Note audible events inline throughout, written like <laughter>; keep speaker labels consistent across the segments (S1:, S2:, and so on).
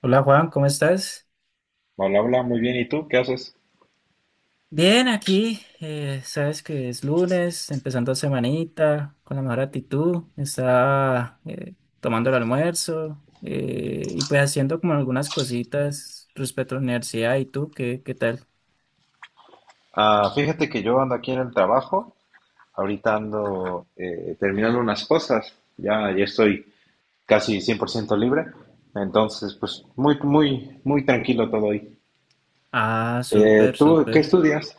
S1: Hola Juan, ¿cómo estás?
S2: Hola, hola, muy bien. ¿Y tú qué haces?
S1: Bien, aquí, sabes que es lunes, empezando semanita, con la mejor actitud, está tomando el almuerzo y pues haciendo como algunas cositas respecto a la universidad. ¿Y tú qué tal?
S2: Ah, fíjate que yo ando aquí en el trabajo, ahorita ando terminando unas cosas, ya, ya estoy casi 100% libre, entonces pues muy, muy, muy tranquilo todo hoy.
S1: Ah, súper,
S2: ¿Tú qué
S1: súper.
S2: estudias?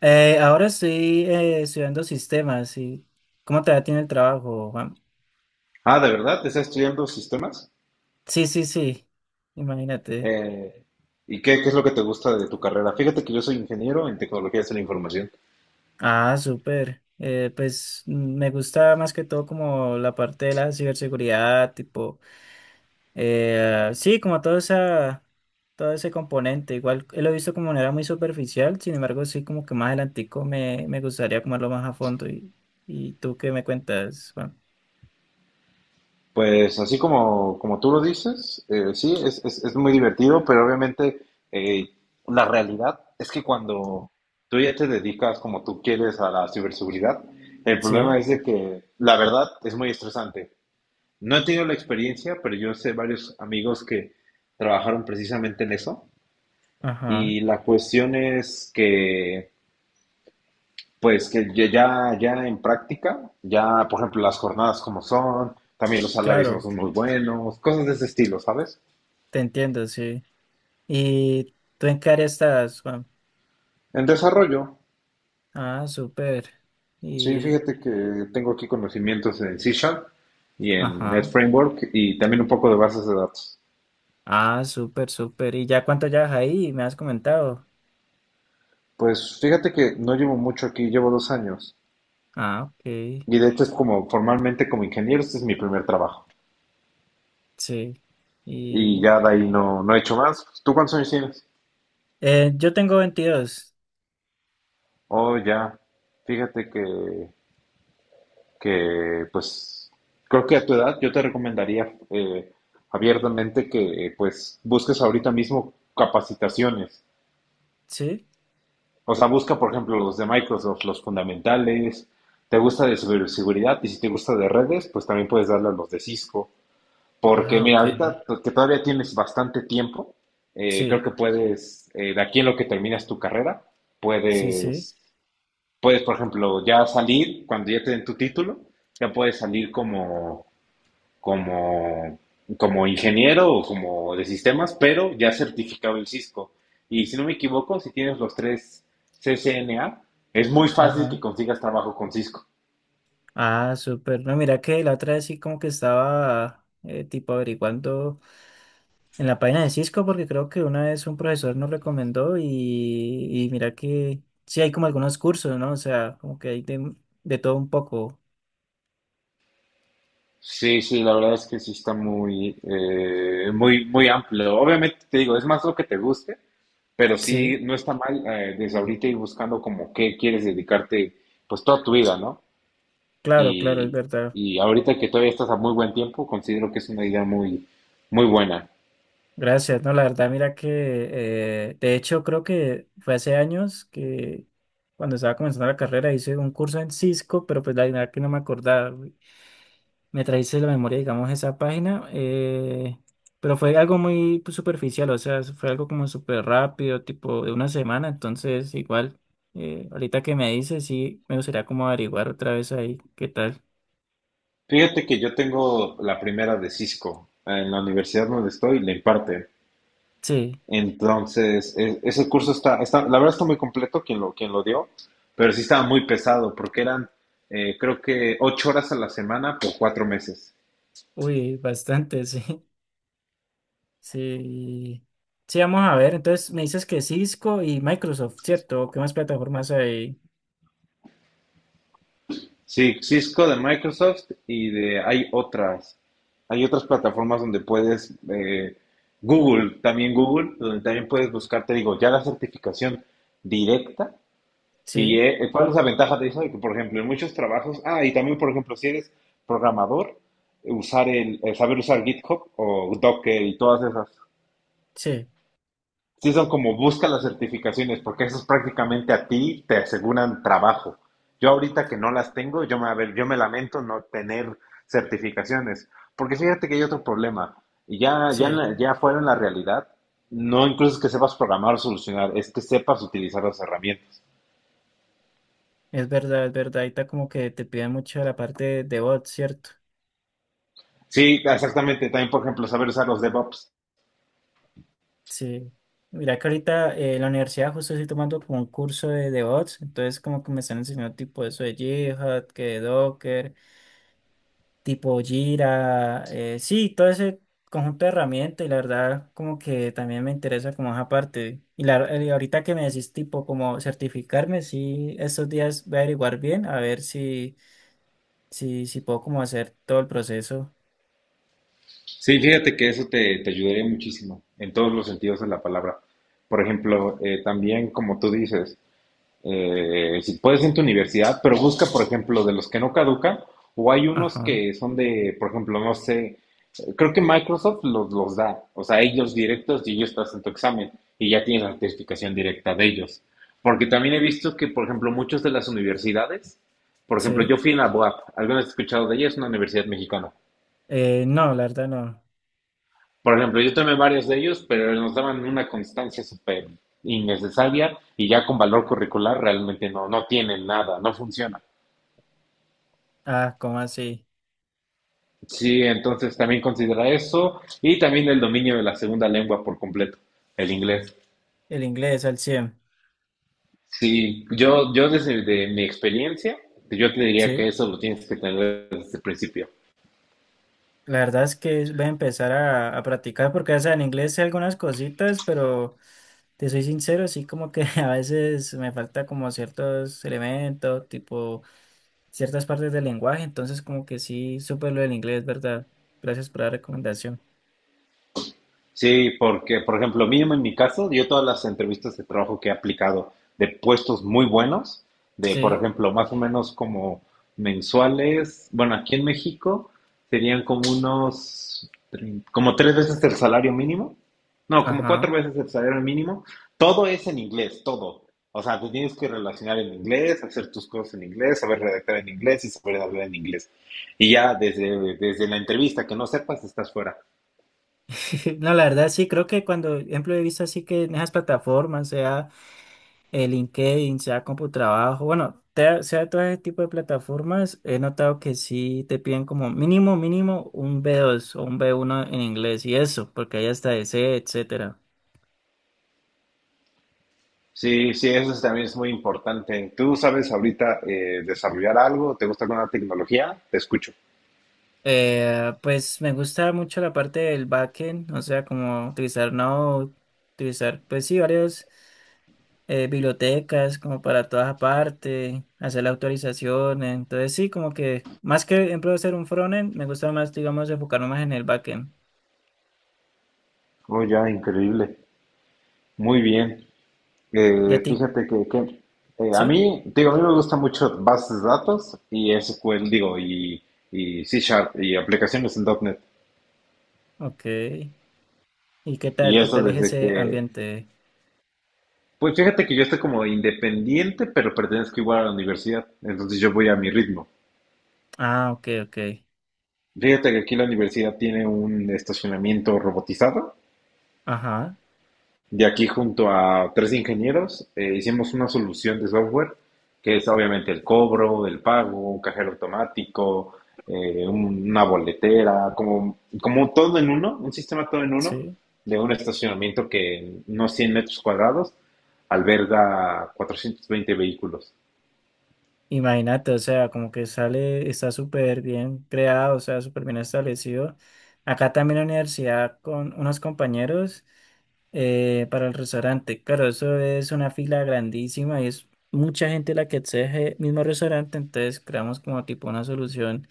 S1: Ahora estoy estudiando sistemas y ¿cómo te va a ti en el trabajo, Juan?
S2: Ah, ¿de verdad? ¿Te ¿Estás estudiando sistemas?
S1: Sí, sí, sí, imagínate.
S2: Eh, ¿Y qué es lo que te gusta de tu carrera? Fíjate que yo soy ingeniero en tecnologías de la información.
S1: Ah, súper. Pues me gusta más que todo como la parte de la ciberseguridad, tipo, sí, como todo ese componente. Igual lo he visto como de manera muy superficial, sin embargo, sí, como que más adelantico me gustaría comerlo más a fondo. ¿Y tú qué me cuentas, Juan?
S2: Pues así como tú lo dices, sí, es muy divertido, pero obviamente eh, la realidad es que cuando tú ya te dedicas como tú quieres a la ciberseguridad, el problema
S1: Sí,
S2: es de que la verdad es muy estresante. No he tenido la experiencia, pero yo sé varios amigos que trabajaron precisamente en eso
S1: ajá,
S2: y la cuestión es que pues que ya en práctica, ya por ejemplo las jornadas como son, también los salarios no
S1: claro,
S2: son muy buenos, cosas de ese estilo, ¿sabes?
S1: te entiendo, sí. ¿Y tú en qué área estás, Juan?
S2: En desarrollo,
S1: Ah, súper.
S2: sí,
S1: Y,
S2: fíjate que tengo aquí conocimientos en C Sharp y en Net
S1: ajá.
S2: Framework y también un poco de bases de datos.
S1: Ah, súper, súper. ¿Y ya cuánto llevas ahí? Me has comentado.
S2: Pues fíjate que no llevo mucho aquí, llevo 2 años
S1: Ah, ok.
S2: y de hecho es como formalmente como ingeniero, este es mi primer trabajo
S1: Sí.
S2: y
S1: Y
S2: ya de ahí no, no he hecho más. ¿Tú cuántos años tienes?
S1: yo tengo 22.
S2: Oh, ya, fíjate que pues creo que a tu edad yo te recomendaría abiertamente que pues busques ahorita mismo capacitaciones.
S1: ¿Sí?
S2: O sea, busca, por ejemplo, los de Microsoft, los fundamentales. ¿Te gusta de ciberseguridad? Y si te gusta de redes, pues también puedes darle a los de Cisco. Porque
S1: Ah,
S2: mira,
S1: ok.
S2: ahorita que todavía tienes bastante tiempo, creo
S1: Sí,
S2: que puedes, de aquí en lo que terminas tu carrera,
S1: sí, sí.
S2: puedes, puedes, por ejemplo, ya salir, cuando ya te den tu título, ya puedes salir como, como ingeniero o como de sistemas, pero ya certificado en Cisco. Y si no me equivoco, si tienes los tres CCNA, es muy fácil que
S1: Ajá.
S2: consigas trabajo con Cisco.
S1: Ah, súper. No, mira que la otra vez sí como que estaba tipo averiguando en la página de Cisco porque creo que una vez un profesor nos recomendó y mira que sí hay como algunos cursos, ¿no? O sea, como que hay de todo un poco.
S2: Sí, sí, la verdad es que sí está muy, muy, muy amplio. Obviamente te digo, es más lo que te guste, pero sí,
S1: Sí,
S2: no está mal desde ahorita ir buscando como qué quieres dedicarte, pues toda tu vida, ¿no?
S1: claro, claro, es
S2: Y,
S1: verdad.
S2: y ahorita que todavía estás a muy buen tiempo, considero que es una idea muy, muy buena.
S1: Gracias, no, la verdad, mira que de hecho creo que fue hace años que cuando estaba comenzando la carrera hice un curso en Cisco, pero pues la verdad que no me acordaba. Güey. Me trajiste la memoria, digamos, esa página, pero fue algo muy pues, superficial, o sea, fue algo como súper rápido, tipo de una semana, entonces igual, ahorita que me dices, sí, me gustaría como averiguar otra vez ahí. ¿Qué tal?
S2: Fíjate que yo tengo la primera de Cisco. En la universidad donde estoy, le imparte.
S1: Sí,
S2: Entonces, ese curso está, la verdad está muy completo quien lo dio, pero sí estaba muy pesado porque eran, creo que, 8 horas a la semana por 4 meses.
S1: uy, bastante, <laughs> sí. Sí. Sí, vamos a ver. Entonces me dices que Cisco y Microsoft, ¿cierto? ¿Qué más plataformas hay?
S2: Sí, Cisco de Microsoft y de, hay otras plataformas donde puedes, Google, también Google, donde también puedes buscar, te digo, ya la certificación directa. ¿Y
S1: Sí,
S2: cuál es la ventaja de eso? De que, por ejemplo, en muchos trabajos, ah, y también, por ejemplo, si eres programador, usar saber usar GitHub o Docker y todas esas.
S1: sí,
S2: Sí son como busca las certificaciones, porque eso es prácticamente a ti te aseguran trabajo. Yo ahorita que no las tengo, yo me, a ver, yo me lamento no tener certificaciones, porque fíjate que hay otro problema, y ya, ya,
S1: sí.
S2: ya fuera en la realidad, no incluso es que sepas programar o solucionar, es que sepas utilizar las herramientas.
S1: Es verdad, es verdad. Ahorita como que te piden mucho la parte de bots, ¿cierto?
S2: Sí, exactamente. También, por ejemplo, saber usar los DevOps.
S1: Sí. Mira que ahorita en la universidad justo estoy tomando tipo Jira, sí, todo ese conjunto de herramientas y la verdad como que también me interesa como esa parte. Y ahorita que me decís tipo como certificarme, sí, estos días voy a averiguar bien a ver si, puedo como hacer todo el proceso.
S2: Sí, fíjate que eso te ayudaría muchísimo en todos los sentidos de la palabra. Por ejemplo, también, como tú dices, si puedes en tu universidad, pero busca, por ejemplo, de los que no caducan, o hay unos
S1: Ajá.
S2: que son de, por ejemplo, no sé, creo que Microsoft los da, o sea, ellos directos y ellos te hacen tu examen y ya tienes la certificación directa de ellos. Porque también he visto que, por ejemplo, muchas de las universidades, por ejemplo,
S1: Sí.
S2: yo fui en la BUAP, ¿alguna vez has escuchado de ella? Es una universidad mexicana.
S1: No, la verdad no.
S2: Por ejemplo, yo tomé varios de ellos, pero nos daban una constancia súper innecesaria y ya con valor curricular realmente no, no tienen nada, no funciona.
S1: Ah, ¿cómo así?
S2: Sí, entonces también considera eso y también el dominio de la segunda lengua por completo, el inglés.
S1: El inglés al 100.
S2: Sí, yo desde de mi experiencia, yo te diría
S1: ¿Sí?
S2: que eso lo tienes que tener desde el principio.
S1: La verdad es que voy a empezar a practicar porque, o sea, en inglés sé algunas cositas, pero te soy sincero, sí como que <laughs> a veces me falta como ciertos elementos, tipo ciertas partes del lenguaje, entonces como que sí, súper lo del inglés, ¿verdad? Gracias por la recomendación.
S2: Sí, porque, por ejemplo, mínimo en mi caso, yo todas las entrevistas de trabajo que he aplicado de puestos muy buenos, de, por
S1: Sí,
S2: ejemplo, más o menos como mensuales, bueno, aquí en México serían como unos, como 3 veces el salario mínimo, no, como cuatro
S1: ajá.
S2: veces el salario mínimo, todo es en inglés, todo. O sea, tú tienes que relacionar en inglés, hacer tus cosas en inglés, saber redactar en inglés y saber hablar en inglés. Y ya desde la entrevista que no sepas, estás fuera.
S1: <laughs> No, la verdad sí, creo que cuando, ejemplo, he visto así que en esas plataformas, sea... el LinkedIn, sea CompuTrabajo, bueno, sea todo ese tipo de plataformas, he notado que sí te piden como mínimo, mínimo un B2 o un B1 en inglés y eso, porque hay hasta ese, etcétera.
S2: Sí, sí, eso también es muy importante. ¿Tú sabes ahorita desarrollar algo? ¿Te gusta alguna tecnología? Te escucho.
S1: Pues me gusta mucho la parte del backend, o sea, como utilizar Node, utilizar, pues sí, varios bibliotecas como para todas aparte, hacer la autorización, entonces sí, como que más que, por ejemplo, hacer un frontend, me gusta más, digamos, enfocarme más en el backend.
S2: Oh, ya, increíble. Muy bien.
S1: ¿Y a ti?
S2: Fíjate a
S1: ¿Sí?
S2: mí, digo, a mí me gusta mucho bases de datos y SQL, digo, y C Sharp y aplicaciones en .NET.
S1: Ok. ¿Y qué tal?
S2: Y
S1: ¿Qué
S2: eso
S1: tal es
S2: desde
S1: ese
S2: que,
S1: ambiente?
S2: pues fíjate que yo estoy como independiente, pero pertenezco igual a la universidad. Entonces yo voy a mi ritmo.
S1: Ah, ok, ok.
S2: Fíjate que aquí la universidad tiene un estacionamiento robotizado.
S1: Ajá,
S2: De aquí junto a tres ingenieros hicimos una solución de software, que es obviamente el cobro, el pago, un cajero automático, una boletera, como todo en uno, un sistema todo en uno,
S1: sí.
S2: de un estacionamiento que en unos 100 metros cuadrados alberga 420 vehículos.
S1: Imagínate, o sea, como que sale, está súper bien creado, o sea, súper bien establecido. Acá también en la universidad con unos compañeros para el restaurante. Claro, eso es una fila grandísima y es mucha gente la que exige el mismo restaurante, entonces creamos como tipo una solución,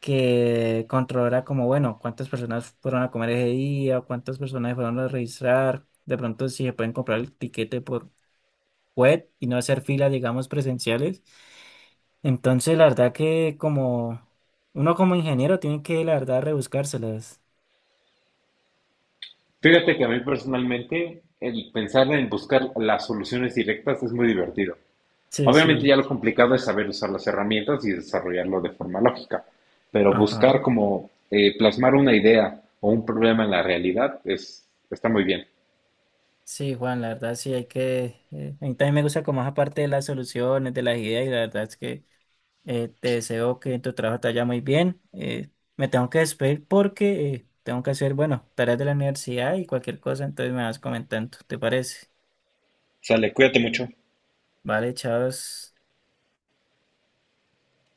S1: que controlara como, bueno, cuántas personas fueron a comer ese día, cuántas personas fueron a registrar, de pronto si se pueden comprar el tiquete por web y no hacer filas, digamos, presenciales. Entonces, la verdad que como uno como ingeniero tiene que, la verdad, rebuscárselas.
S2: Fíjate que a mí personalmente el pensar en buscar las soluciones directas es muy divertido.
S1: Sí,
S2: Obviamente
S1: sí.
S2: ya lo complicado es saber usar las herramientas y desarrollarlo de forma lógica, pero buscar
S1: Ajá.
S2: como plasmar una idea o un problema en la realidad está muy bien.
S1: Sí, Juan, la verdad sí hay que... a mí también me gusta como esa parte de las soluciones, de las ideas y la verdad es que... Te deseo que en tu trabajo te vaya muy bien. Me tengo que despedir porque tengo que hacer, bueno, tareas de la universidad y cualquier cosa, entonces me vas comentando, ¿te parece?
S2: Sale, cuídate mucho.
S1: Vale, chavos.